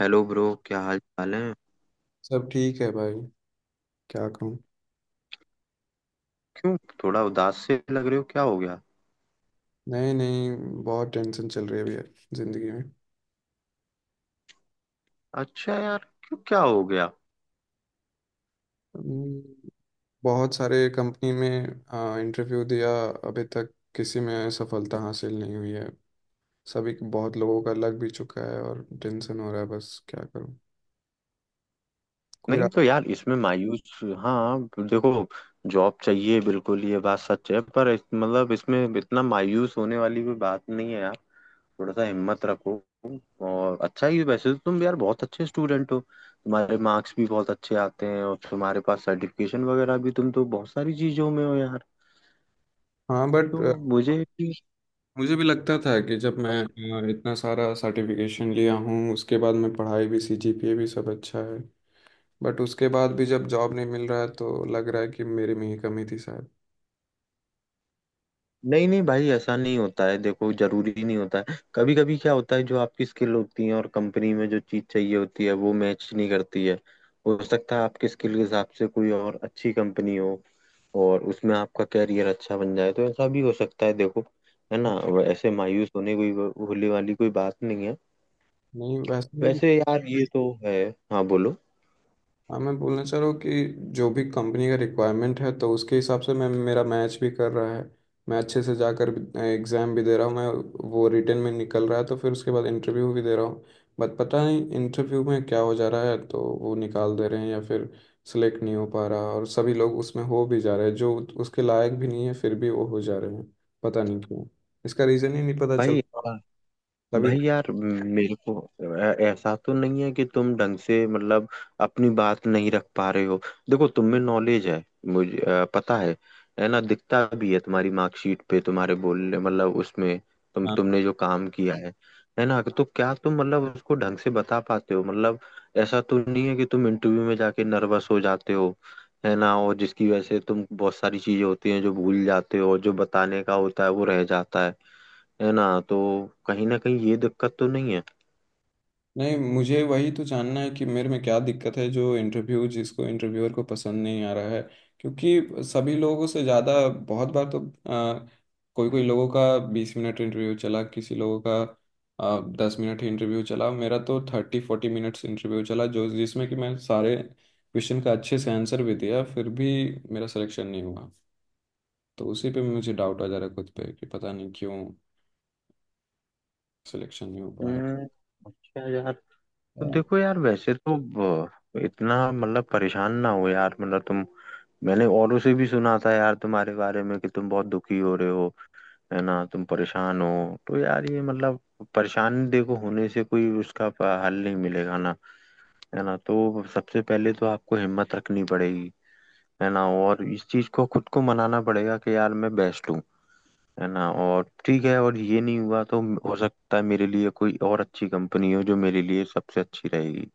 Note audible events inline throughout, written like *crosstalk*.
Hello bro, क्या हाल चाल है। सब ठीक है भाई। क्या कहूँ। क्यों, थोड़ा उदास से लग रहे हो, क्या हो गया। नहीं नहीं, बहुत टेंशन चल रही है अभी जिंदगी में। अच्छा यार, क्यों, क्या हो गया। हम्म, बहुत सारे कंपनी में इंटरव्यू दिया। अभी तक किसी में सफलता हासिल नहीं हुई है। सभी बहुत लोगों का लग भी चुका है और टेंशन हो रहा है, बस क्या करूँ। कोई रा... नहीं तो यार, इसमें मायूस, हाँ, देखो, जॉब चाहिए बिल्कुल, ये बात सच है, पर मतलब इसमें इतना मायूस होने वाली भी बात नहीं है यार। थोड़ा सा हिम्मत रखो, और अच्छा ही वैसे तो तुम यार बहुत अच्छे स्टूडेंट हो, तुम्हारे मार्क्स भी बहुत अच्छे आते हैं, और तुम्हारे पास सर्टिफिकेशन वगैरह भी, तुम तो बहुत सारी चीजों में हो यार। हाँ बट तो मुझे भी मुझे भी लगता था कि जब मैं इतना सारा सर्टिफिकेशन लिया हूँ उसके बाद मैं पढ़ाई भी CGPA भी सब अच्छा है। बट उसके बाद भी जब जॉब नहीं मिल रहा है तो लग रहा है कि मेरे में ही कमी थी शायद। नहीं, नहीं भाई, ऐसा नहीं होता है। देखो, जरूरी नहीं होता है, कभी कभी क्या होता है, जो आपकी स्किल होती है और कंपनी में जो चीज चाहिए होती है, वो मैच नहीं करती है। हो सकता है आपके स्किल के हिसाब से कोई और अच्छी कंपनी हो, और उसमें आपका कैरियर अच्छा बन जाए, तो ऐसा भी हो सकता है। देखो, है ना, वो ऐसे मायूस होने, कोई होने वाली कोई बात नहीं है। नहीं वैसे ही ना। वैसे यार ये तो है। हाँ, बोलो हाँ मैं बोलना चाह रहा हूँ कि जो भी कंपनी का रिक्वायरमेंट है तो उसके हिसाब से मैं मेरा मैच भी कर रहा है। मैं अच्छे से जाकर एग्ज़ाम भी दे रहा हूँ, मैं वो रिटर्न में निकल रहा है तो फिर उसके बाद इंटरव्यू भी दे रहा हूँ। बट पता नहीं इंटरव्यू में क्या हो जा रहा है तो वो निकाल दे रहे हैं या फिर सिलेक्ट नहीं हो पा रहा। और सभी लोग उसमें हो भी जा रहे हैं जो उसके लायक भी नहीं है फिर भी वो हो जा रहे हैं। पता नहीं क्यों, इसका रीज़न ही नहीं पता चल भाई। रहा। तभी भाई यार मेरे को, ऐसा तो नहीं है कि तुम ढंग से, मतलब, अपनी बात नहीं रख पा रहे हो। देखो, तुम में नॉलेज है, मुझे पता है। है ना, दिखता भी है तुम्हारी मार्कशीट पे, तुम्हारे बोलने, मतलब उसमें तुमने जो काम किया है। है ना, तो क्या तुम, मतलब उसको ढंग से बता पाते हो, मतलब ऐसा तो नहीं है कि तुम इंटरव्यू में जाके नर्वस हो जाते हो। है ना, और जिसकी वजह से तुम बहुत सारी चीजें होती हैं जो भूल जाते हो और जो बताने का होता है वो रह जाता है। है ना, तो कहीं ना कहीं ये दिक्कत तो नहीं है। नहीं, मुझे वही तो जानना है कि मेरे में क्या दिक्कत है जो इंटरव्यू जिसको इंटरव्यूअर को पसंद नहीं आ रहा है। क्योंकि सभी लोगों से ज़्यादा बहुत बार तो कोई कोई लोगों का 20 मिनट इंटरव्यू चला, किसी लोगों का 10 मिनट ही इंटरव्यू चला, मेरा तो 30 40 मिनट्स इंटरव्यू चला जो जिसमें कि मैं सारे क्वेश्चन का अच्छे से आंसर भी दिया फिर भी मेरा सिलेक्शन नहीं हुआ। तो उसी पे मुझे डाउट आ जा रहा है खुद पे कि पता नहीं क्यों सिलेक्शन नहीं हो पा हम्म अच्छा यार। तो रहा। देखो यार, इतना मतलब परेशान ना हो यार, मतलब तुम, मैंने औरों से भी सुना था यार तुम्हारे बारे में कि तुम बहुत दुखी हो रहे हो। है ना, तुम परेशान हो। तो यार ये मतलब, परेशानी देखो होने से कोई उसका हल नहीं मिलेगा ना। है ना, तो सबसे पहले तो आपको हिम्मत रखनी पड़ेगी। है ना, और इस चीज को खुद को मनाना पड़ेगा कि यार मैं बेस्ट हूँ। है ना, और ठीक है, और ये नहीं हुआ तो हो सकता है मेरे लिए कोई और अच्छी कंपनी हो जो मेरे लिए सबसे अच्छी रहेगी।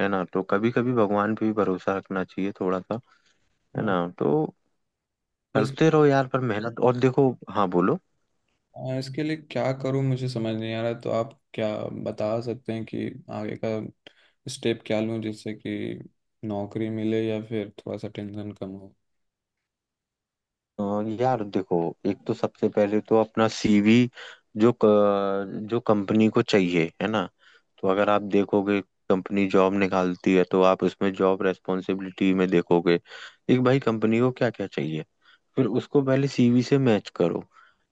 है ना, तो कभी कभी भगवान पे भी भरोसा रखना चाहिए थोड़ा सा। है हाँ। ना, तो करते रहो यार पर मेहनत, और देखो। हाँ, बोलो। इसके लिए क्या करूं मुझे समझ नहीं आ रहा, तो आप क्या बता सकते हैं कि आगे का स्टेप क्या लूं जिससे कि नौकरी मिले या फिर थोड़ा सा टेंशन कम हो। अ, यार देखो, एक तो सबसे पहले तो अपना सीवी, जो कंपनी को चाहिए। है ना, तो अगर आप देखोगे कंपनी जॉब निकालती है, तो आप उसमें जॉब रेस्पॉन्सिबिलिटी में देखोगे एक, भाई कंपनी को क्या क्या चाहिए। फिर उसको पहले सीवी से मैच करो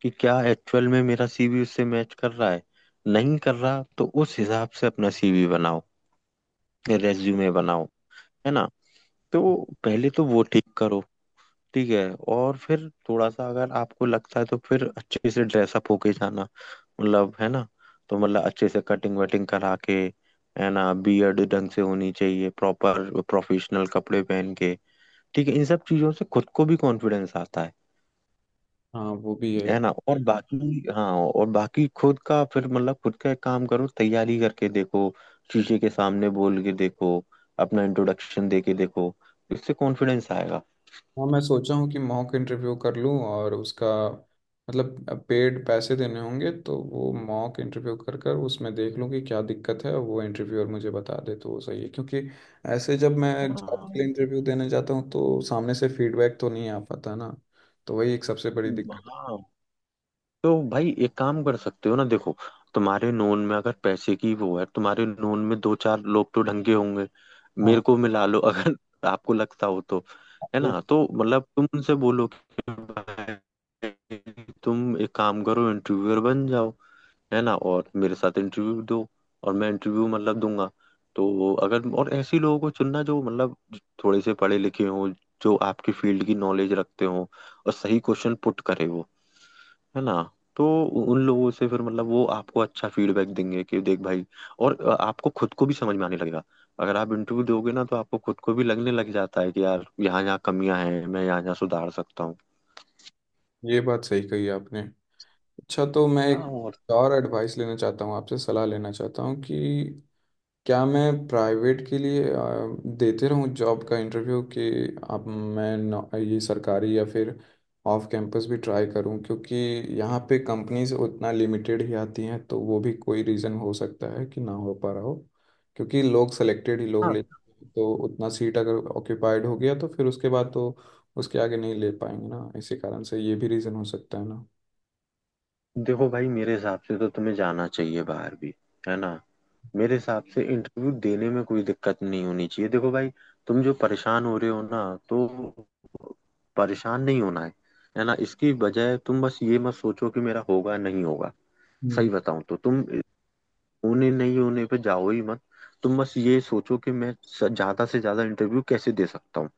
कि क्या एक्चुअल में मेरा सीवी उससे मैच कर रहा है। नहीं कर रहा तो उस हिसाब से अपना सीवी बनाओ, रेज्यूमे बनाओ। है ना, तो पहले तो वो ठीक करो। ठीक है, और फिर थोड़ा सा अगर आपको लगता है तो फिर अच्छे से ड्रेसअप होके जाना मतलब, है ना, तो मतलब अच्छे से कटिंग वटिंग करा के, है ना, बियर्ड ढंग से होनी चाहिए, प्रॉपर प्रोफेशनल कपड़े पहन के। ठीक है, इन सब चीजों से खुद को भी कॉन्फिडेंस आता है। हाँ वो भी है। है ना, और बाकी, हाँ, और बाकी खुद का फिर, मतलब खुद का एक काम करो, तैयारी करके देखो, शीशे के सामने बोल के देखो, अपना इंट्रोडक्शन दे के देखो, इससे कॉन्फिडेंस आएगा। हाँ मैं सोचा हूँ कि मॉक इंटरव्यू कर लूँ और उसका मतलब पेड पैसे देने होंगे तो वो मॉक इंटरव्यू कर कर उसमें देख लूँ कि क्या दिक्कत है और वो इंटरव्यूअर मुझे बता दे तो वो सही है। क्योंकि ऐसे जब मैं जॉब के लिए हाँ इंटरव्यू देने जाता हूँ तो सामने से फीडबैक तो नहीं आ पाता ना। तो वही एक सबसे बड़ी दिक्कत है। हाँ, तो भाई एक काम कर सकते हो ना। देखो, तुम्हारे नोन में अगर पैसे की वो है, तुम्हारे नोन में दो चार लोग तो ढंग के होंगे। हाँ मेरे को मिला लो अगर *laughs* आपको लगता हो तो। है ना, तो मतलब तुम उनसे बोलो कि भाई, तुम एक काम करो इंटरव्यूअर बन जाओ। है ना, और मेरे साथ इंटरव्यू दो, और मैं इंटरव्यू मतलब दूंगा। तो अगर और ऐसे लोगों को चुनना जो मतलब थोड़े से पढ़े लिखे हों, जो आपकी फील्ड की नॉलेज रखते हों, और सही क्वेश्चन पुट करे वो। है ना, तो उन लोगों से फिर मतलब वो आपको अच्छा फीडबैक देंगे कि देख भाई, और आपको खुद को भी समझ में आने लगेगा। अगर आप इंटरव्यू दोगे ना, तो आपको खुद को भी लगने लग जाता है कि यार यहाँ यहाँ कमियां हैं, मैं यहाँ यहाँ सुधार सकता हूँ। ये बात सही कही आपने। अच्छा तो मैं हाँ, एक और और एडवाइस लेना चाहता हूँ आपसे, सलाह लेना चाहता हूँ कि क्या मैं प्राइवेट के लिए देते रहूं जॉब का इंटरव्यू कि अब मैं ये सरकारी या फिर ऑफ कैंपस भी ट्राई करूं। क्योंकि यहाँ पे कंपनीज उतना लिमिटेड ही आती हैं तो वो भी कोई रीज़न हो सकता है कि ना हो पा रहा हो। क्योंकि लोग सेलेक्टेड ही लोग ले हाँ, तो उतना सीट अगर ऑक्यूपाइड हो गया तो फिर उसके बाद तो उसके आगे नहीं ले पाएंगे ना, इसी कारण से ये भी रीज़न हो सकता है ना। देखो भाई मेरे हिसाब से तो तुम्हें जाना चाहिए बाहर भी। है ना, मेरे हिसाब से इंटरव्यू देने में कोई दिक्कत नहीं होनी चाहिए। देखो भाई, तुम जो परेशान हो रहे हो ना, तो परेशान नहीं होना है। है ना, इसकी बजाय तुम बस ये मत सोचो कि मेरा होगा नहीं होगा। सही हम्म। बताऊं तो तुम होने नहीं होने पे जाओ ही मत। तुम बस ये सोचो कि ज्यादा से ज्यादा इंटरव्यू कैसे दे सकता हूँ।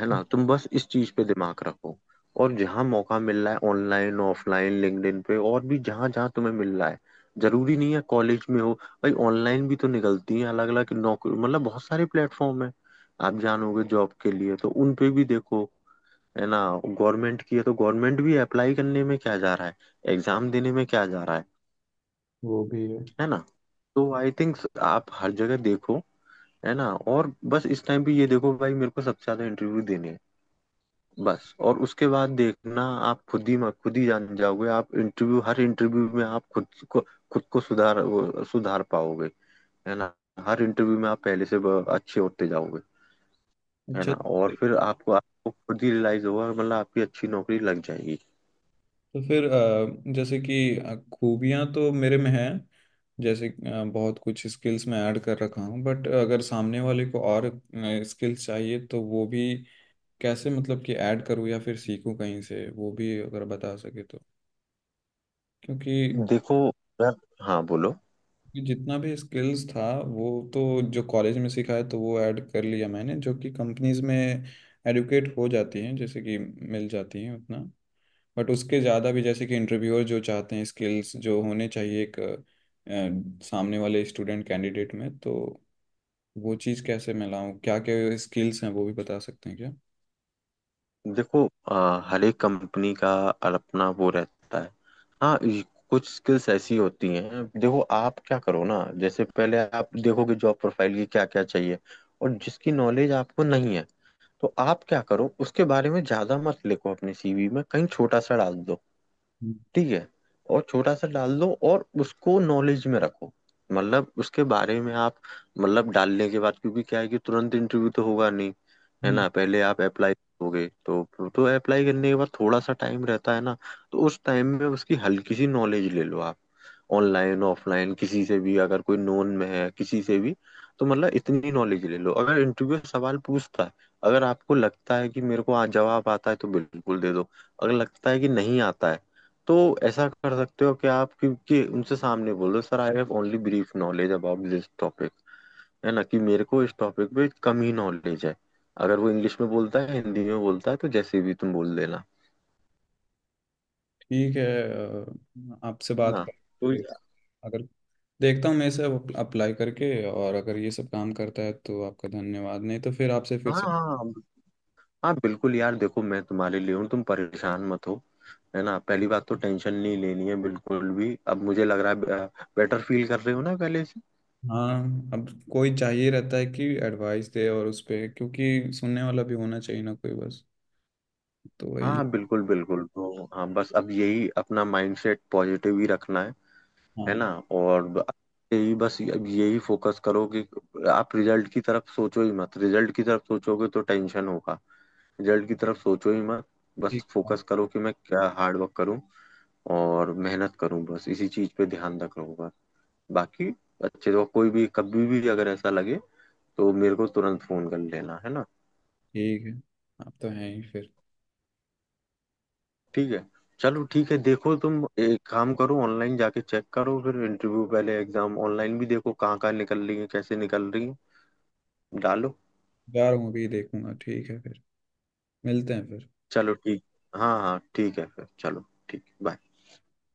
है ना, तुम बस इस चीज पे दिमाग रखो, और जहां मौका मिल रहा है ऑनलाइन ऑफलाइन लिंक्डइन पे और भी जहां जहां तुम्हें मिल रहा है। जरूरी नहीं है कॉलेज में हो, भाई ऑनलाइन भी तो निकलती है अलग अलग नौकरी, मतलब बहुत सारे प्लेटफॉर्म है आप जानोगे जॉब के लिए, तो उन पे भी देखो। है ना, गवर्नमेंट की है तो गवर्नमेंट भी, अप्लाई करने में क्या जा रहा है, एग्जाम देने में क्या जा रहा है। वो भी है। है ना, तो आई थिंक आप हर जगह देखो। है ना, और बस इस टाइम पे ये देखो भाई, मेरे को सबसे ज्यादा इंटरव्यू देने हैं बस। और उसके बाद देखना, आप खुद ही जान जाओगे। आप इंटरव्यू, हर इंटरव्यू में आप खुद को सुधार पाओगे। है ना, हर इंटरव्यू में आप पहले से अच्छे होते जाओगे। है अच्छा ना, और फिर आपको आपको खुद ही रियलाइज होगा, मतलब आपकी अच्छी नौकरी लग जाएगी। तो फिर जैसे कि खूबियां तो मेरे में हैं, जैसे बहुत कुछ स्किल्स मैं ऐड कर रखा हूँ। बट अगर सामने वाले को और स्किल्स चाहिए तो वो भी कैसे मतलब कि ऐड करूँ या फिर सीखूँ कहीं से, वो भी अगर बता सके तो। क्योंकि देखो यार, हाँ बोलो। जितना भी स्किल्स था वो तो जो कॉलेज में सीखा है तो वो ऐड कर लिया मैंने जो कि कंपनीज में एडुकेट हो जाती हैं जैसे कि मिल जाती हैं उतना। बट उसके ज़्यादा भी जैसे कि इंटरव्यूअर जो चाहते हैं स्किल्स जो होने चाहिए एक सामने वाले स्टूडेंट कैंडिडेट में, तो वो चीज़ कैसे मैं लाऊं, क्या क्या स्किल्स हैं वो भी बता सकते हैं क्या। देखो, हर एक कंपनी का अपना वो रहता है। हाँ, ये कुछ स्किल्स ऐसी होती हैं, देखो आप क्या करो ना, जैसे पहले आप देखो कि जॉब प्रोफाइल की क्या क्या चाहिए, और जिसकी नॉलेज आपको नहीं है, तो आप क्या करो, उसके बारे में ज्यादा मत लिखो अपने सीवी में, कहीं छोटा सा डाल दो। ठीक है, और छोटा सा डाल दो, और उसको नॉलेज में रखो। मतलब उसके बारे में आप, मतलब डालने के बाद, क्योंकि क्या है कि तुरंत इंटरव्यू तो होगा नहीं। है हम्म। ना, पहले आप अप्लाई करोगे, तो अप्लाई करने के बाद थोड़ा सा टाइम रहता है ना, तो उस टाइम में उसकी हल्की सी नॉलेज ले लो आप, ऑनलाइन ऑफलाइन किसी से भी, अगर कोई नोन में है किसी से भी। तो मतलब इतनी नॉलेज ले लो, अगर इंटरव्यू सवाल पूछता है, अगर आपको लगता है कि मेरे को आज जवाब आता है तो बिल्कुल दे दो। अगर लगता है कि नहीं आता है, तो ऐसा कर सकते हो कि आप, क्योंकि उनसे सामने बोलो, sir I have only brief knowledge about this topic. है ना, कि मेरे को इस टॉपिक पे कम ही नॉलेज है। अगर वो इंग्लिश में बोलता है, हिंदी में बोलता है, तो जैसे भी तुम बोल देना। ठीक है। आपसे है बात ना, कर तो फिर अगर देखता हूँ मैं इसे अप्लाई करके और अगर ये सब काम करता है तो आपका धन्यवाद, नहीं तो फिर आपसे फिर हाँ। से। हाँ बिल्कुल यार, देखो मैं तुम्हारे लिए हूँ, तुम परेशान मत हो। है ना, पहली बात तो टेंशन नहीं लेनी है बिल्कुल भी। अब मुझे लग रहा है बेटर फील कर रहे हो ना पहले से। हाँ अब कोई चाहिए रहता है कि एडवाइस दे और उस पे क्योंकि सुनने वाला भी होना चाहिए ना कोई, बस तो वही। हाँ, बिल्कुल बिल्कुल, तो हाँ बस अब यही अपना माइंडसेट पॉजिटिव ही रखना है। है ना, हाँ और यही बस, अब यही फोकस करो कि आप रिजल्ट की तरफ सोचो ही मत। रिजल्ट की तरफ सोचोगे तो टेंशन होगा, रिजल्ट की तरफ सोचो ही मत। बस ठीक है। फोकस करो कि मैं क्या हार्ड वर्क करूं और मेहनत करूं, बस इसी चीज पे ध्यान रखूंगा। बाकी अच्छे तो, कोई भी कभी भी अगर ऐसा लगे तो मेरे को तुरंत फोन कर लेना, है ना। ठीक है आप तो हैं ही फिर। ठीक है, चलो ठीक है। देखो तुम एक काम करो, ऑनलाइन जाके चेक करो, फिर इंटरव्यू पहले एग्जाम ऑनलाइन भी देखो, कहाँ कहाँ निकल रही है, कैसे निकल रही है, डालो। जा रहा हूँ अभी देखूंगा, ठीक है फिर मिलते हैं फिर। चलो ठीक। हाँ हाँ ठीक है, फिर चलो ठीक, बाय।